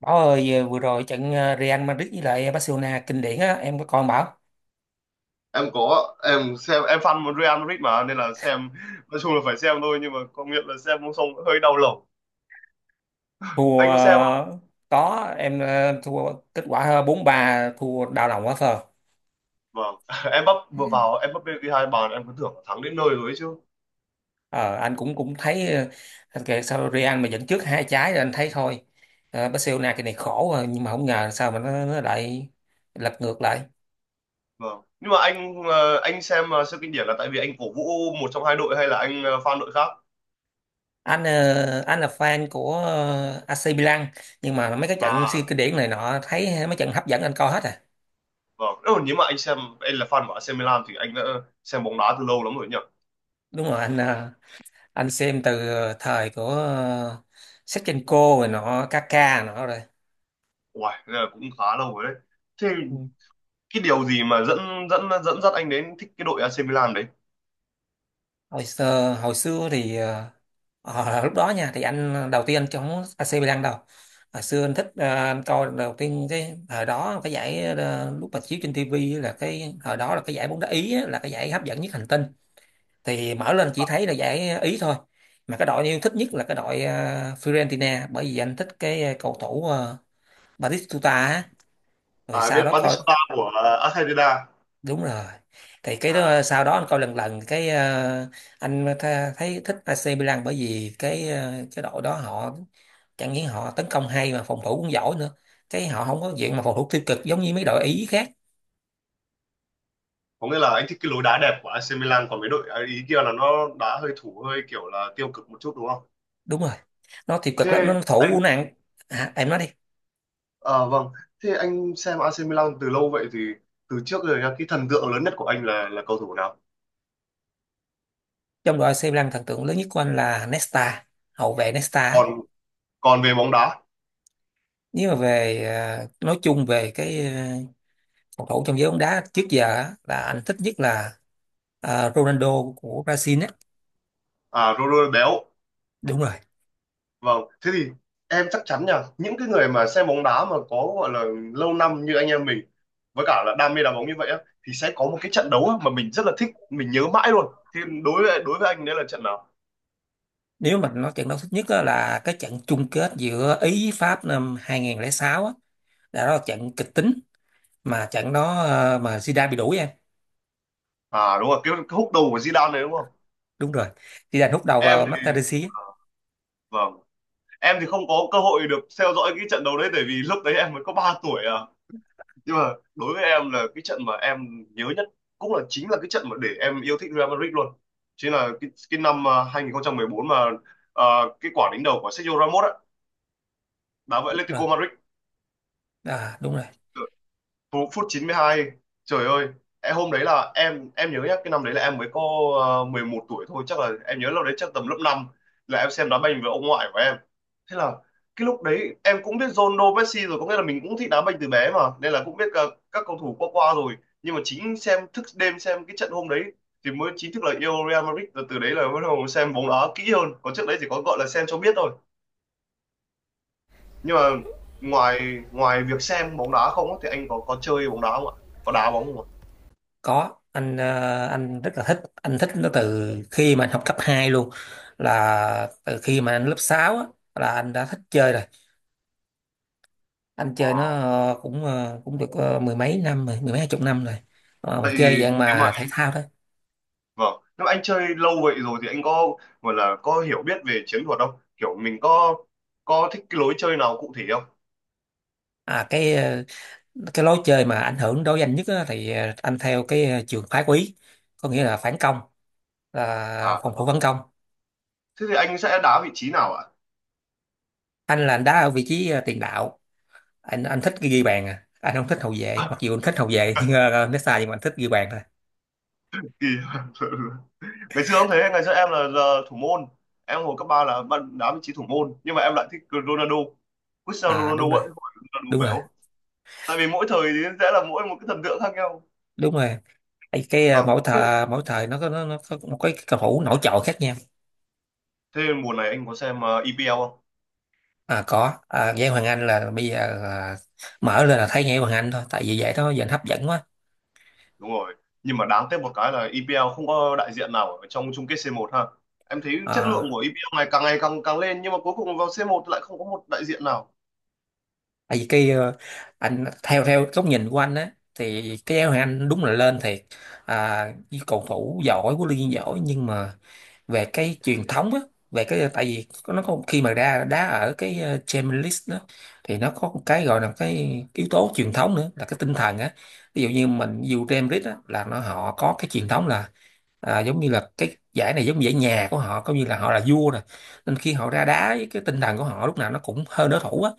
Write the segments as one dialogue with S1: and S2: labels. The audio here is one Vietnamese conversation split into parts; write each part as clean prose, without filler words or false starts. S1: Bảo ơi, vừa rồi trận Real Madrid với lại Barcelona kinh điển á, em có coi không Bảo?
S2: Em có, em xem. Em fan một Real Madrid mà nên là xem, nói chung là phải xem thôi nhưng mà công nhận là xem không xong hơi đau lòng.
S1: Thua
S2: Anh có xem không?
S1: có, em thua. Kết quả 4-3, thua đau lòng quá phờ.
S2: Vâng. Em bắp vừa vào, em bắp ghi hai bàn em cứ tưởng là thắng đến nơi rồi ấy chứ.
S1: Ờ, anh cũng cũng thấy. Ờ, anh kể sao Real mà dẫn trước hai trái rồi anh thấy thôi. Barcelona cái này khổ rồi, nhưng mà không ngờ sao mà nó lại lật ngược lại.
S2: Vâng nhưng mà anh xem siêu kinh điển là tại vì anh cổ vũ một trong hai đội hay là anh fan đội khác?
S1: Anh là fan của AC Milan, nhưng mà mấy cái trận siêu
S2: À
S1: kinh điển này nọ, thấy mấy trận hấp dẫn anh coi hết à.
S2: vâng, nếu mà anh xem, anh là fan của AC Milan thì anh đã xem bóng đá từ lâu lắm rồi nhỉ.
S1: Đúng rồi, anh xem từ thời của Shevchenko rồi nọ, Kaka nọ rồi.
S2: Uầy, thế là cũng khá lâu rồi đấy. Thế
S1: Ừ.
S2: cái điều gì mà dẫn dẫn dẫn dắt anh đến thích cái đội AC Milan đấy?
S1: Hồi xưa thì lúc đó nha thì đầu tiên anh chống AC Milan đâu. Hồi xưa anh thích, anh coi đầu tiên cái thời đó, cái giải lúc mà chiếu trên TV là cái thời đó, là cái giải bóng đá Ý á, là cái giải hấp dẫn nhất hành tinh. Thì mở lên chỉ thấy là giải Ý thôi. Mà cái đội anh yêu thích nhất là cái đội Fiorentina, bởi vì anh thích cầu thủ Batistuta á. Rồi
S2: À,
S1: sau
S2: biết
S1: đó coi.
S2: Batista của à, Argentina.
S1: Đúng rồi. Thì cái đó,
S2: À,
S1: sau đó anh coi lần lần cái, thấy thích AC Milan, bởi vì cái đội đó họ chẳng những họ tấn công hay mà phòng thủ cũng giỏi nữa. Cái họ không có diện mà phòng thủ tiêu cực giống như mấy đội Ý khác.
S2: có nghĩa là anh thích cái lối đá đẹp của AC Milan còn mấy đội à, ý kia là nó đá hơi thủ hơi kiểu là tiêu cực một chút đúng không?
S1: Đúng rồi, nó tiêu cực lắm,
S2: Thế
S1: nó
S2: anh,
S1: thủ nặng. À, em nói đi.
S2: à, vâng, thế anh xem AC Milan từ lâu vậy thì từ trước rồi nhá, cái thần tượng lớn nhất của anh là cầu thủ nào?
S1: Trong đội AC Milan, thần tượng lớn nhất của anh là Nesta, hậu vệ Nesta á.
S2: Còn còn về bóng đá.
S1: Nếu mà về, nói chung về phòng thủ trong giới bóng đá trước giờ á, là anh thích nhất là Ronaldo của Brazil á.
S2: À Ronaldo béo.
S1: Đúng rồi.
S2: Vâng, thế thì em chắc chắn nha, những cái người mà xem bóng đá mà có gọi là lâu năm như anh em mình với cả là đam mê đá bóng như vậy á, thì sẽ có một cái trận đấu á mà mình rất là thích, mình nhớ mãi luôn. Thì đối với anh đấy là trận nào?
S1: Nếu mình nói trận đấu thích nhất á, là cái trận chung kết giữa Ý với Pháp năm 2006 á, là đó là trận kịch tính, mà trận đó, mà Zidane bị đuổi em.
S2: À đúng rồi, cái húc đầu của Zidane đấy đúng không?
S1: Đúng rồi. Zidane hút đầu
S2: Em
S1: vào
S2: thì,
S1: Materazzi á.
S2: à, vâng, em thì không có cơ hội được theo dõi cái trận đấu đấy tại vì lúc đấy em mới có 3 tuổi à. Nhưng mà đối với em là cái trận mà em nhớ nhất cũng là chính là cái trận mà để em yêu thích Real Madrid luôn, chính là cái năm à, 2014 mà, à, cái quả đánh đầu của Sergio Ramos á, đá với
S1: Đúng rồi,
S2: Atletico Madrid.
S1: à, đúng rồi.
S2: Phút 92, trời ơi. Em hôm đấy là em nhớ nhá, cái năm đấy là em mới có 11 tuổi thôi, chắc là em nhớ lúc đấy chắc tầm lớp năm, là em xem đá banh với ông ngoại của em. Thế là cái lúc đấy em cũng biết Ronaldo Messi rồi, có nghĩa là mình cũng thích đá banh từ bé mà nên là cũng biết cả các cầu thủ qua qua rồi. Nhưng mà chính xem thức đêm xem cái trận hôm đấy thì mới chính thức là yêu Real Madrid, từ từ đấy là bắt đầu xem bóng đá kỹ hơn còn trước đấy chỉ có gọi là xem cho biết thôi. Nhưng mà ngoài ngoài việc xem bóng đá không á, thì anh có chơi bóng đá không ạ, có đá bóng không ạ?
S1: Có, anh rất là thích, anh thích nó từ khi mà anh học cấp 2 luôn, là từ khi mà anh lớp 6 á, là anh đã thích chơi rồi. Anh chơi nó,
S2: Wow.
S1: cũng được, mười mấy năm rồi, mười mấy hai chục năm rồi. Ờ, mình
S2: Vậy
S1: chơi
S2: thì
S1: dạng
S2: nếu mà,
S1: mà thể thao thôi.
S2: vâng, nếu anh chơi lâu vậy rồi thì anh có gọi là có hiểu biết về chiến thuật không? Kiểu mình có thích cái lối chơi nào cụ thể không?
S1: À cái lối chơi mà ảnh hưởng đối với anh nhất á, thì anh theo trường phái quý, có nghĩa là phản công, là
S2: À,
S1: phòng thủ phản công.
S2: thế thì anh sẽ đá vị trí nào ạ?
S1: Anh là anh đá ở vị trí tiền đạo. Anh thích ghi bàn, à anh không thích hậu vệ, mặc dù anh thích hậu vệ nhưng nó sai, nhưng mà anh thích ghi bàn thôi.
S2: Kỳ. Ngày xưa không thế, ngày xưa em là thủ môn. Em hồi cấp 3 là bạn đá vị trí thủ môn, nhưng mà em lại thích Ronaldo. Cristiano
S1: À
S2: Ronaldo
S1: đúng rồi,
S2: ấy, không phải Ronaldo
S1: đúng rồi.
S2: béo. Tại vì mỗi thời thì sẽ là mỗi một cái thần tượng khác nhau.
S1: Đúng rồi. Ê, cái
S2: Vâng.
S1: ờ, mỗi thời nó có, nó có một cái cầu thủ nổi trội khác nhau.
S2: Thế mùa này anh có xem EPL không?
S1: À có, à Nguyễn Hoàng Anh là bây giờ là mở lên là thấy Nguyễn Hoàng Anh thôi, tại vì vậy đó giờ anh hấp dẫn quá.
S2: Đúng rồi, nhưng mà đáng tiếc một cái là EPL không có đại diện nào ở trong chung kết c một ha. Em thấy chất lượng
S1: À,
S2: của EPL này càng ngày càng càng lên nhưng mà cuối cùng vào c một lại không có một đại diện nào.
S1: tại vì anh theo theo góc nhìn của anh á, thì cái áo anh đúng là lên thiệt. À, như cầu thủ giỏi, huấn luyện viên giỏi, nhưng mà về cái truyền thống á, về cái tại vì nó có khi mà ra đá ở Champions League đó, thì nó có một cái gọi là cái yếu tố truyền thống nữa là cái tinh thần á. Ví dụ như mình dù Champions League á, là nó họ có cái truyền thống là, à, giống như là cái giải này giống như giải nhà của họ, coi như là họ là vua nè, nên khi họ ra đá với cái tinh thần của họ lúc nào nó cũng hơn đối thủ á.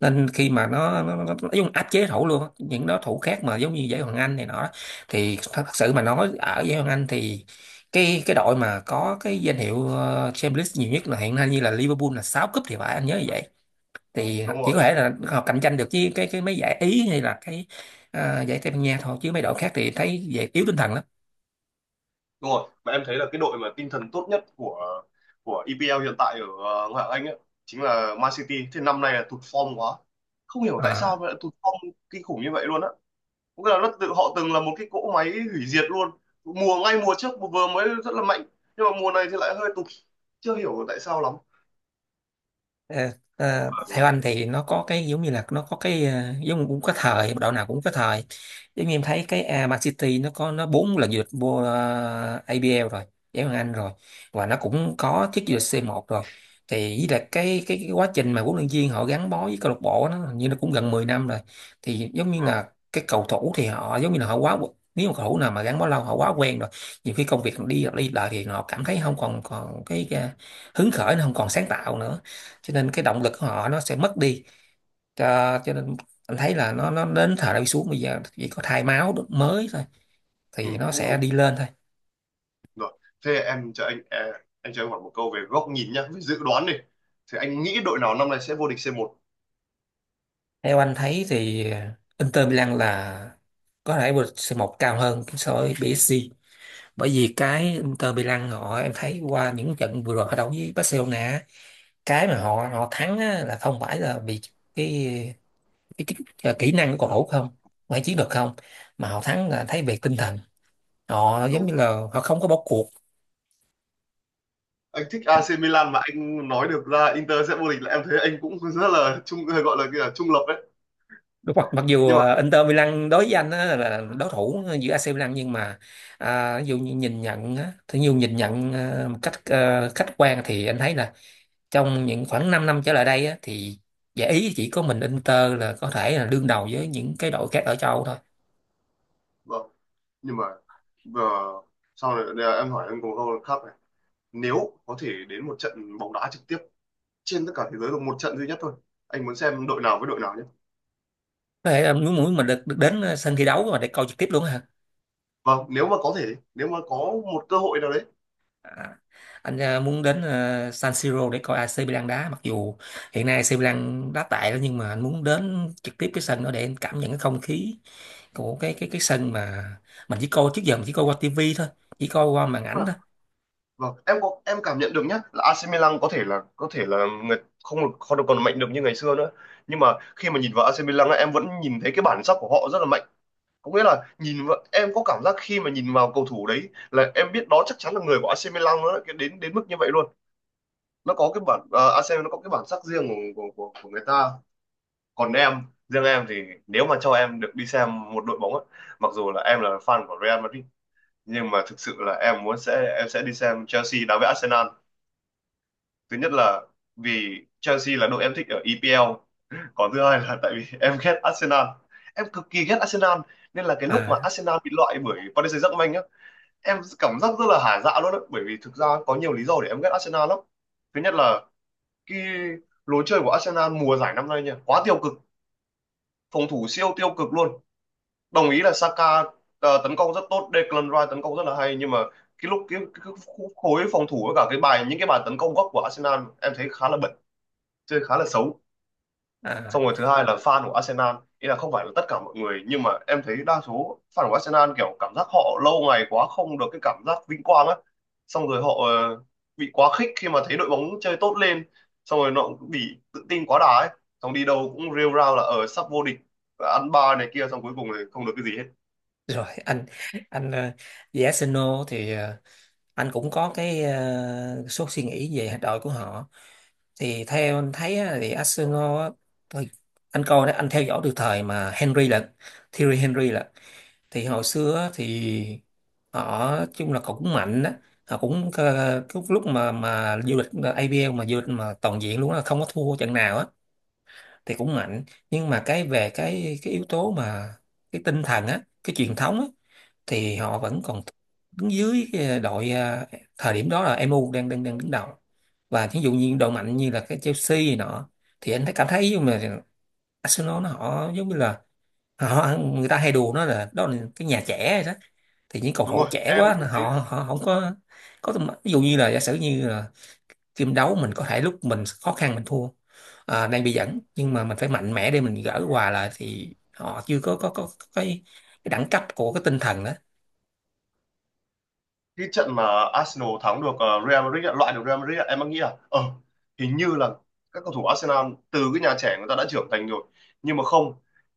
S1: Nên khi mà nó dùng áp chế thủ luôn á, những đối thủ khác mà giống như giải Hoàng Anh này nọ. Thì thật sự mà nói ở giải Hoàng Anh thì cái đội mà có cái danh hiệu Champions League nhiều nhất là hiện nay, như là Liverpool là 6 cúp thì phải, anh nhớ như vậy. Thì
S2: Đúng
S1: chỉ có
S2: rồi.
S1: thể là họ cạnh tranh được với cái mấy giải Ý hay là giải Tây Ban Nha thôi, chứ mấy đội khác thì thấy vậy yếu tinh thần lắm.
S2: Đúng rồi, mà em thấy là cái đội mà tinh thần tốt nhất của EPL hiện tại ở ngoại hạng Anh ấy, chính là Man City, thế năm nay là tụt form quá, không hiểu tại
S1: Ờ.
S2: sao mà lại tụt form kinh khủng như vậy luôn á. Có nghĩa là nó tự họ từng là một cái cỗ máy hủy diệt luôn, ngay mùa trước vừa mới rất là mạnh nhưng mà mùa này thì lại hơi tụt, chưa hiểu tại sao lắm.
S1: Ờ, theo anh thì nó có cái giống như là nó có giống cũng có thời, đội nào cũng có thời. Giống như em thấy cái à, Man City nó có nó bốn lần vô địch vô APL rồi, giải Ngoại hạng Anh rồi, và nó cũng có chức vô địch c một rồi. Thì với lại cái quá trình mà huấn luyện viên họ gắn bó với câu lạc bộ nó hình như nó cũng gần 10 năm rồi. Thì giống như
S2: Ừ.
S1: là cái cầu thủ thì họ giống như là họ quá. Nếu mà cầu thủ nào mà gắn bó lâu, họ quá quen rồi, nhiều khi công việc đi đi lại thì họ cảm thấy không còn còn hứng khởi, nó không còn sáng tạo nữa. Cho nên cái động lực của họ nó sẽ mất đi. Cho nên anh thấy là nó đến thời đi xuống, bây giờ chỉ có thay máu mới thôi,
S2: Ừ,
S1: thì nó
S2: cũng
S1: sẽ
S2: đúng
S1: đi lên thôi.
S2: rồi. Thế em cho anh, à, anh cho em hỏi một câu về góc nhìn nhá, về dự đoán đi, thì anh nghĩ đội nào năm nay sẽ vô địch C1?
S1: Theo anh thấy thì Inter Milan là có thể vượt c, cao hơn so với PSG, bởi vì cái Inter Milan họ, em thấy qua những trận vừa rồi họ đấu với Barcelona, cái mà họ họ thắng á là không phải là vì cái cái, cái, cái kỹ năng của cầu thủ, không phải chiến được không, mà họ thắng là thấy về tinh thần. Họ giống
S2: Đúng,
S1: như là họ không có bỏ cuộc.
S2: anh thích
S1: Họ.
S2: AC Milan mà anh nói được ra Inter sẽ vô địch là em thấy anh cũng rất là trung, gọi là cái là trung lập đấy.
S1: Đúng, mặc mặc dù
S2: Nhưng mà,
S1: Inter Milan đối với anh á, là đối thủ giữa AC Milan, nhưng mà, à, ví dụ như nhìn nhận á, thì nhiều nhìn nhận một cách khách quan thì anh thấy là trong những khoảng 5 năm trở lại đây á, thì giải ý chỉ có mình Inter là có thể là đương đầu với những cái đội khác ở châu Âu thôi.
S2: vâng, nhưng mà ờ, sau này đây là em hỏi anh một câu khác này, nếu có thể đến một trận bóng đá trực tiếp trên tất cả thế giới được một trận duy nhất thôi, anh muốn xem đội nào với đội nào nhé?
S1: Có thể là muốn muốn mình được đến sân thi đấu mà để coi trực tiếp luôn á hả.
S2: Vâng, nếu mà có thể, nếu mà có một cơ hội nào đấy.
S1: À, muốn đến San Siro để coi AC Milan đá, mặc dù hiện nay AC Milan đá tệ đó, nhưng mà anh muốn đến trực tiếp cái sân đó để anh cảm nhận cái không khí của cái sân mà mình chỉ coi trước giờ, mình chỉ coi qua tivi thôi, chỉ coi qua màn ảnh thôi.
S2: Vâng, em có, em cảm nhận được nhé là AC Milan có thể là, có thể là người không được, còn mạnh được như ngày xưa nữa. Nhưng mà khi mà nhìn vào AC Milan á em vẫn nhìn thấy cái bản sắc của họ rất là mạnh. Có nghĩa là nhìn vào, em có cảm giác khi mà nhìn vào cầu thủ đấy là em biết đó chắc chắn là người của AC Milan, nó lại đến đến mức như vậy luôn. Nó có cái bản à, AC nó có cái bản sắc riêng của, của người ta. Còn em, riêng em thì nếu mà cho em được đi xem một đội bóng á, mặc dù là em là fan của Real Madrid nhưng mà thực sự là em muốn sẽ em sẽ đi xem Chelsea đá với Arsenal. Thứ nhất là vì Chelsea là đội em thích ở EPL, còn thứ hai là tại vì em ghét Arsenal, em cực kỳ ghét Arsenal. Nên là cái lúc mà
S1: À
S2: Arsenal bị loại bởi Paris Saint-Germain nhá, em cảm giác rất là hả dạ luôn đấy, bởi vì thực ra có nhiều lý do để em ghét Arsenal lắm. Thứ nhất là cái lối chơi của Arsenal mùa giải năm nay nha, quá tiêu cực, phòng thủ siêu tiêu cực luôn. Đồng ý là Saka tấn công rất tốt, Declan Rice tấn công rất là hay, nhưng mà cái lúc cái khối phòng thủ với cả cái bài, những cái bài tấn công góc của Arsenal em thấy khá là bẩn, chơi khá là xấu.
S1: à
S2: Xong rồi thứ hai là fan của Arsenal ý, là không phải là tất cả mọi người nhưng mà em thấy đa số fan của Arsenal kiểu cảm giác họ lâu ngày quá không được cái cảm giác vinh quang á, xong rồi họ bị quá khích khi mà thấy đội bóng chơi tốt lên, xong rồi nó cũng bị tự tin quá đà ấy, xong đi đâu cũng rêu rao là ở sắp vô địch và ăn ba này kia xong cuối cùng thì không được cái gì hết.
S1: rồi anh, về Arsenal thì, anh cũng có số suy nghĩ về đội của họ. Thì theo anh thấy á, thì Arsenal á, thôi, anh coi đó, anh theo dõi từ thời mà Henry là, Thierry Henry là. Thì hồi xưa á, thì họ chung là cũng mạnh đó. Họ cũng, cái lúc mà du lịch APL mà du lịch mà toàn diện luôn á, không có thua trận nào á, thì cũng mạnh. Nhưng mà cái về cái yếu tố mà cái tinh thần á, cái truyền thống á, thì họ vẫn còn đứng dưới cái đội, à, thời điểm đó là MU đang đang đang đứng đầu. Và ví dụ như đội mạnh như là cái Chelsea này nọ, thì anh thấy cảm thấy giống như là Arsenal họ giống như là họ, người ta hay đùa nó là đó là cái nhà trẻ rồi đó, thì những cầu
S2: Đúng
S1: thủ
S2: rồi,
S1: trẻ
S2: em
S1: quá
S2: cũng thấy.
S1: họ họ họ không có có tầm- ví dụ như là giả sử như là team đấu mình có thể lúc mình khó khăn mình thua, à, đang bị dẫn, nhưng mà mình phải mạnh mẽ để mình gỡ hòa lại, thì họ chưa có cái đẳng cấp của cái tinh thần đó.
S2: Cái trận mà Arsenal thắng được Real Madrid ạ, loại được Real Madrid ạ, em đang nghĩ là hình như là các cầu thủ Arsenal từ cái nhà trẻ người ta đã trưởng thành rồi. Nhưng mà không,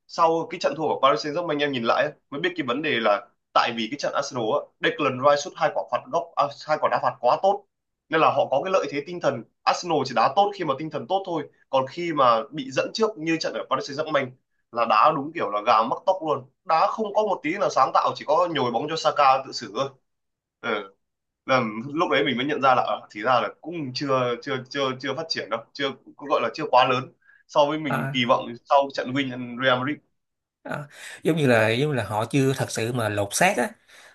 S2: sau cái trận thua của Paris Saint-Germain em nhìn lại ấy, mới biết cái vấn đề là tại vì cái trận Arsenal á, Declan Rice sút hai quả phạt góc, à, hai quả đá phạt quá tốt nên là họ có cái lợi thế tinh thần. Arsenal chỉ đá tốt khi mà tinh thần tốt thôi, còn khi mà bị dẫn trước như trận ở Paris Saint-Germain là đá đúng kiểu là gà mắc tóc luôn, đá không có một tí là sáng tạo, chỉ có nhồi bóng cho Saka tự xử thôi. Ừ, là lúc đấy mình mới nhận ra là thì ra là cũng chưa chưa chưa chưa phát triển đâu, chưa cũng gọi là chưa quá lớn so với mình
S1: À,
S2: kỳ vọng sau trận win Real Madrid.
S1: à, giống như là họ chưa thật sự mà lột xác á.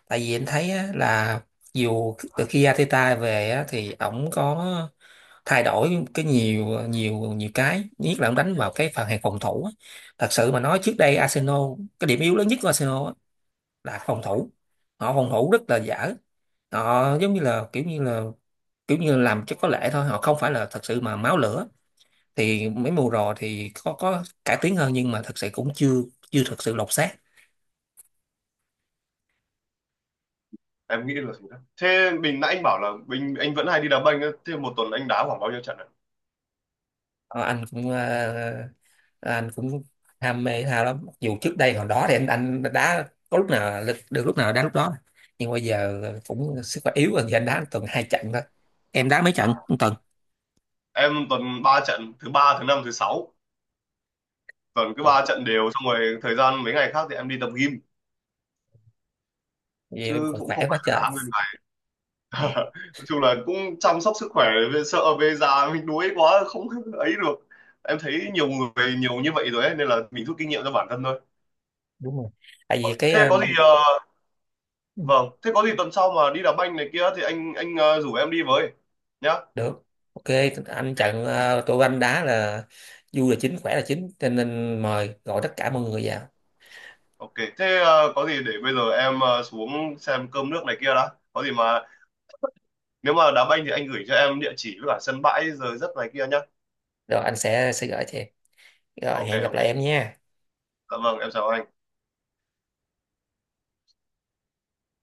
S1: Tại vì anh thấy á, là dù từ khi Arteta về á, thì ổng có thay đổi cái nhiều nhiều nhiều, cái nhất là ông đánh vào cái phần hàng phòng thủ á. Thật sự mà nói trước đây Arsenal, cái điểm yếu lớn nhất của Arsenal á, là phòng thủ. Họ phòng thủ rất là dở, họ giống như là kiểu như làm cho có lệ thôi, họ không phải là thật sự mà máu lửa. Thì mấy mùa rồi thì có cải tiến hơn, nhưng mà thật sự cũng chưa chưa thật sự lột xác.
S2: Em nghĩ là thế đó, thế nãy anh bảo là anh vẫn hay đi đá banh á, thế một tuần anh đá khoảng bao nhiêu trận ạ?
S1: Ờ, anh cũng ham mê thể thao lắm. Mặc dù trước đây hồi đó thì anh đá có lúc nào là- được lúc nào đá lúc đó. Nhưng bây giờ cũng sức khỏe yếu rồi thì anh đá tuần hai trận thôi. Em đá mấy
S2: À?
S1: trận một tuần?
S2: Em tuần ba trận, thứ ba thứ năm thứ sáu, tuần cứ
S1: Ồ,
S2: ba trận đều, xong rồi thời gian mấy ngày khác thì em đi tập gym
S1: vậy em
S2: chứ
S1: còn
S2: cũng
S1: khỏe
S2: không
S1: quá
S2: phải là
S1: trời.
S2: đá.
S1: Ừ,
S2: Nói chung là cũng chăm sóc sức khỏe, về sợ về già mình đuối quá không ấy được. Em thấy nhiều người nhiều như vậy rồi ấy, nên là mình rút kinh nghiệm cho bản thân thôi.
S1: đúng rồi. Tại vì
S2: Thế có gì ờ, Vâng, thế có gì tuần sau mà đi đá banh này kia thì anh rủ em đi với nhá.
S1: được. Ok, anh trận, tôi tụi anh đá là vui là chính, khỏe là chính, cho nên mời gọi tất cả mọi người vào.
S2: Ok, thế có gì để bây giờ em xuống xem cơm nước này kia đã, có gì mà nếu mà đá banh thì anh gửi cho em địa chỉ với cả sân bãi giờ giấc này kia nhá.
S1: Rồi anh sẽ gửi cho em. Rồi
S2: Ok
S1: hẹn gặp
S2: ok,
S1: lại em nha.
S2: dạ vâng em chào anh.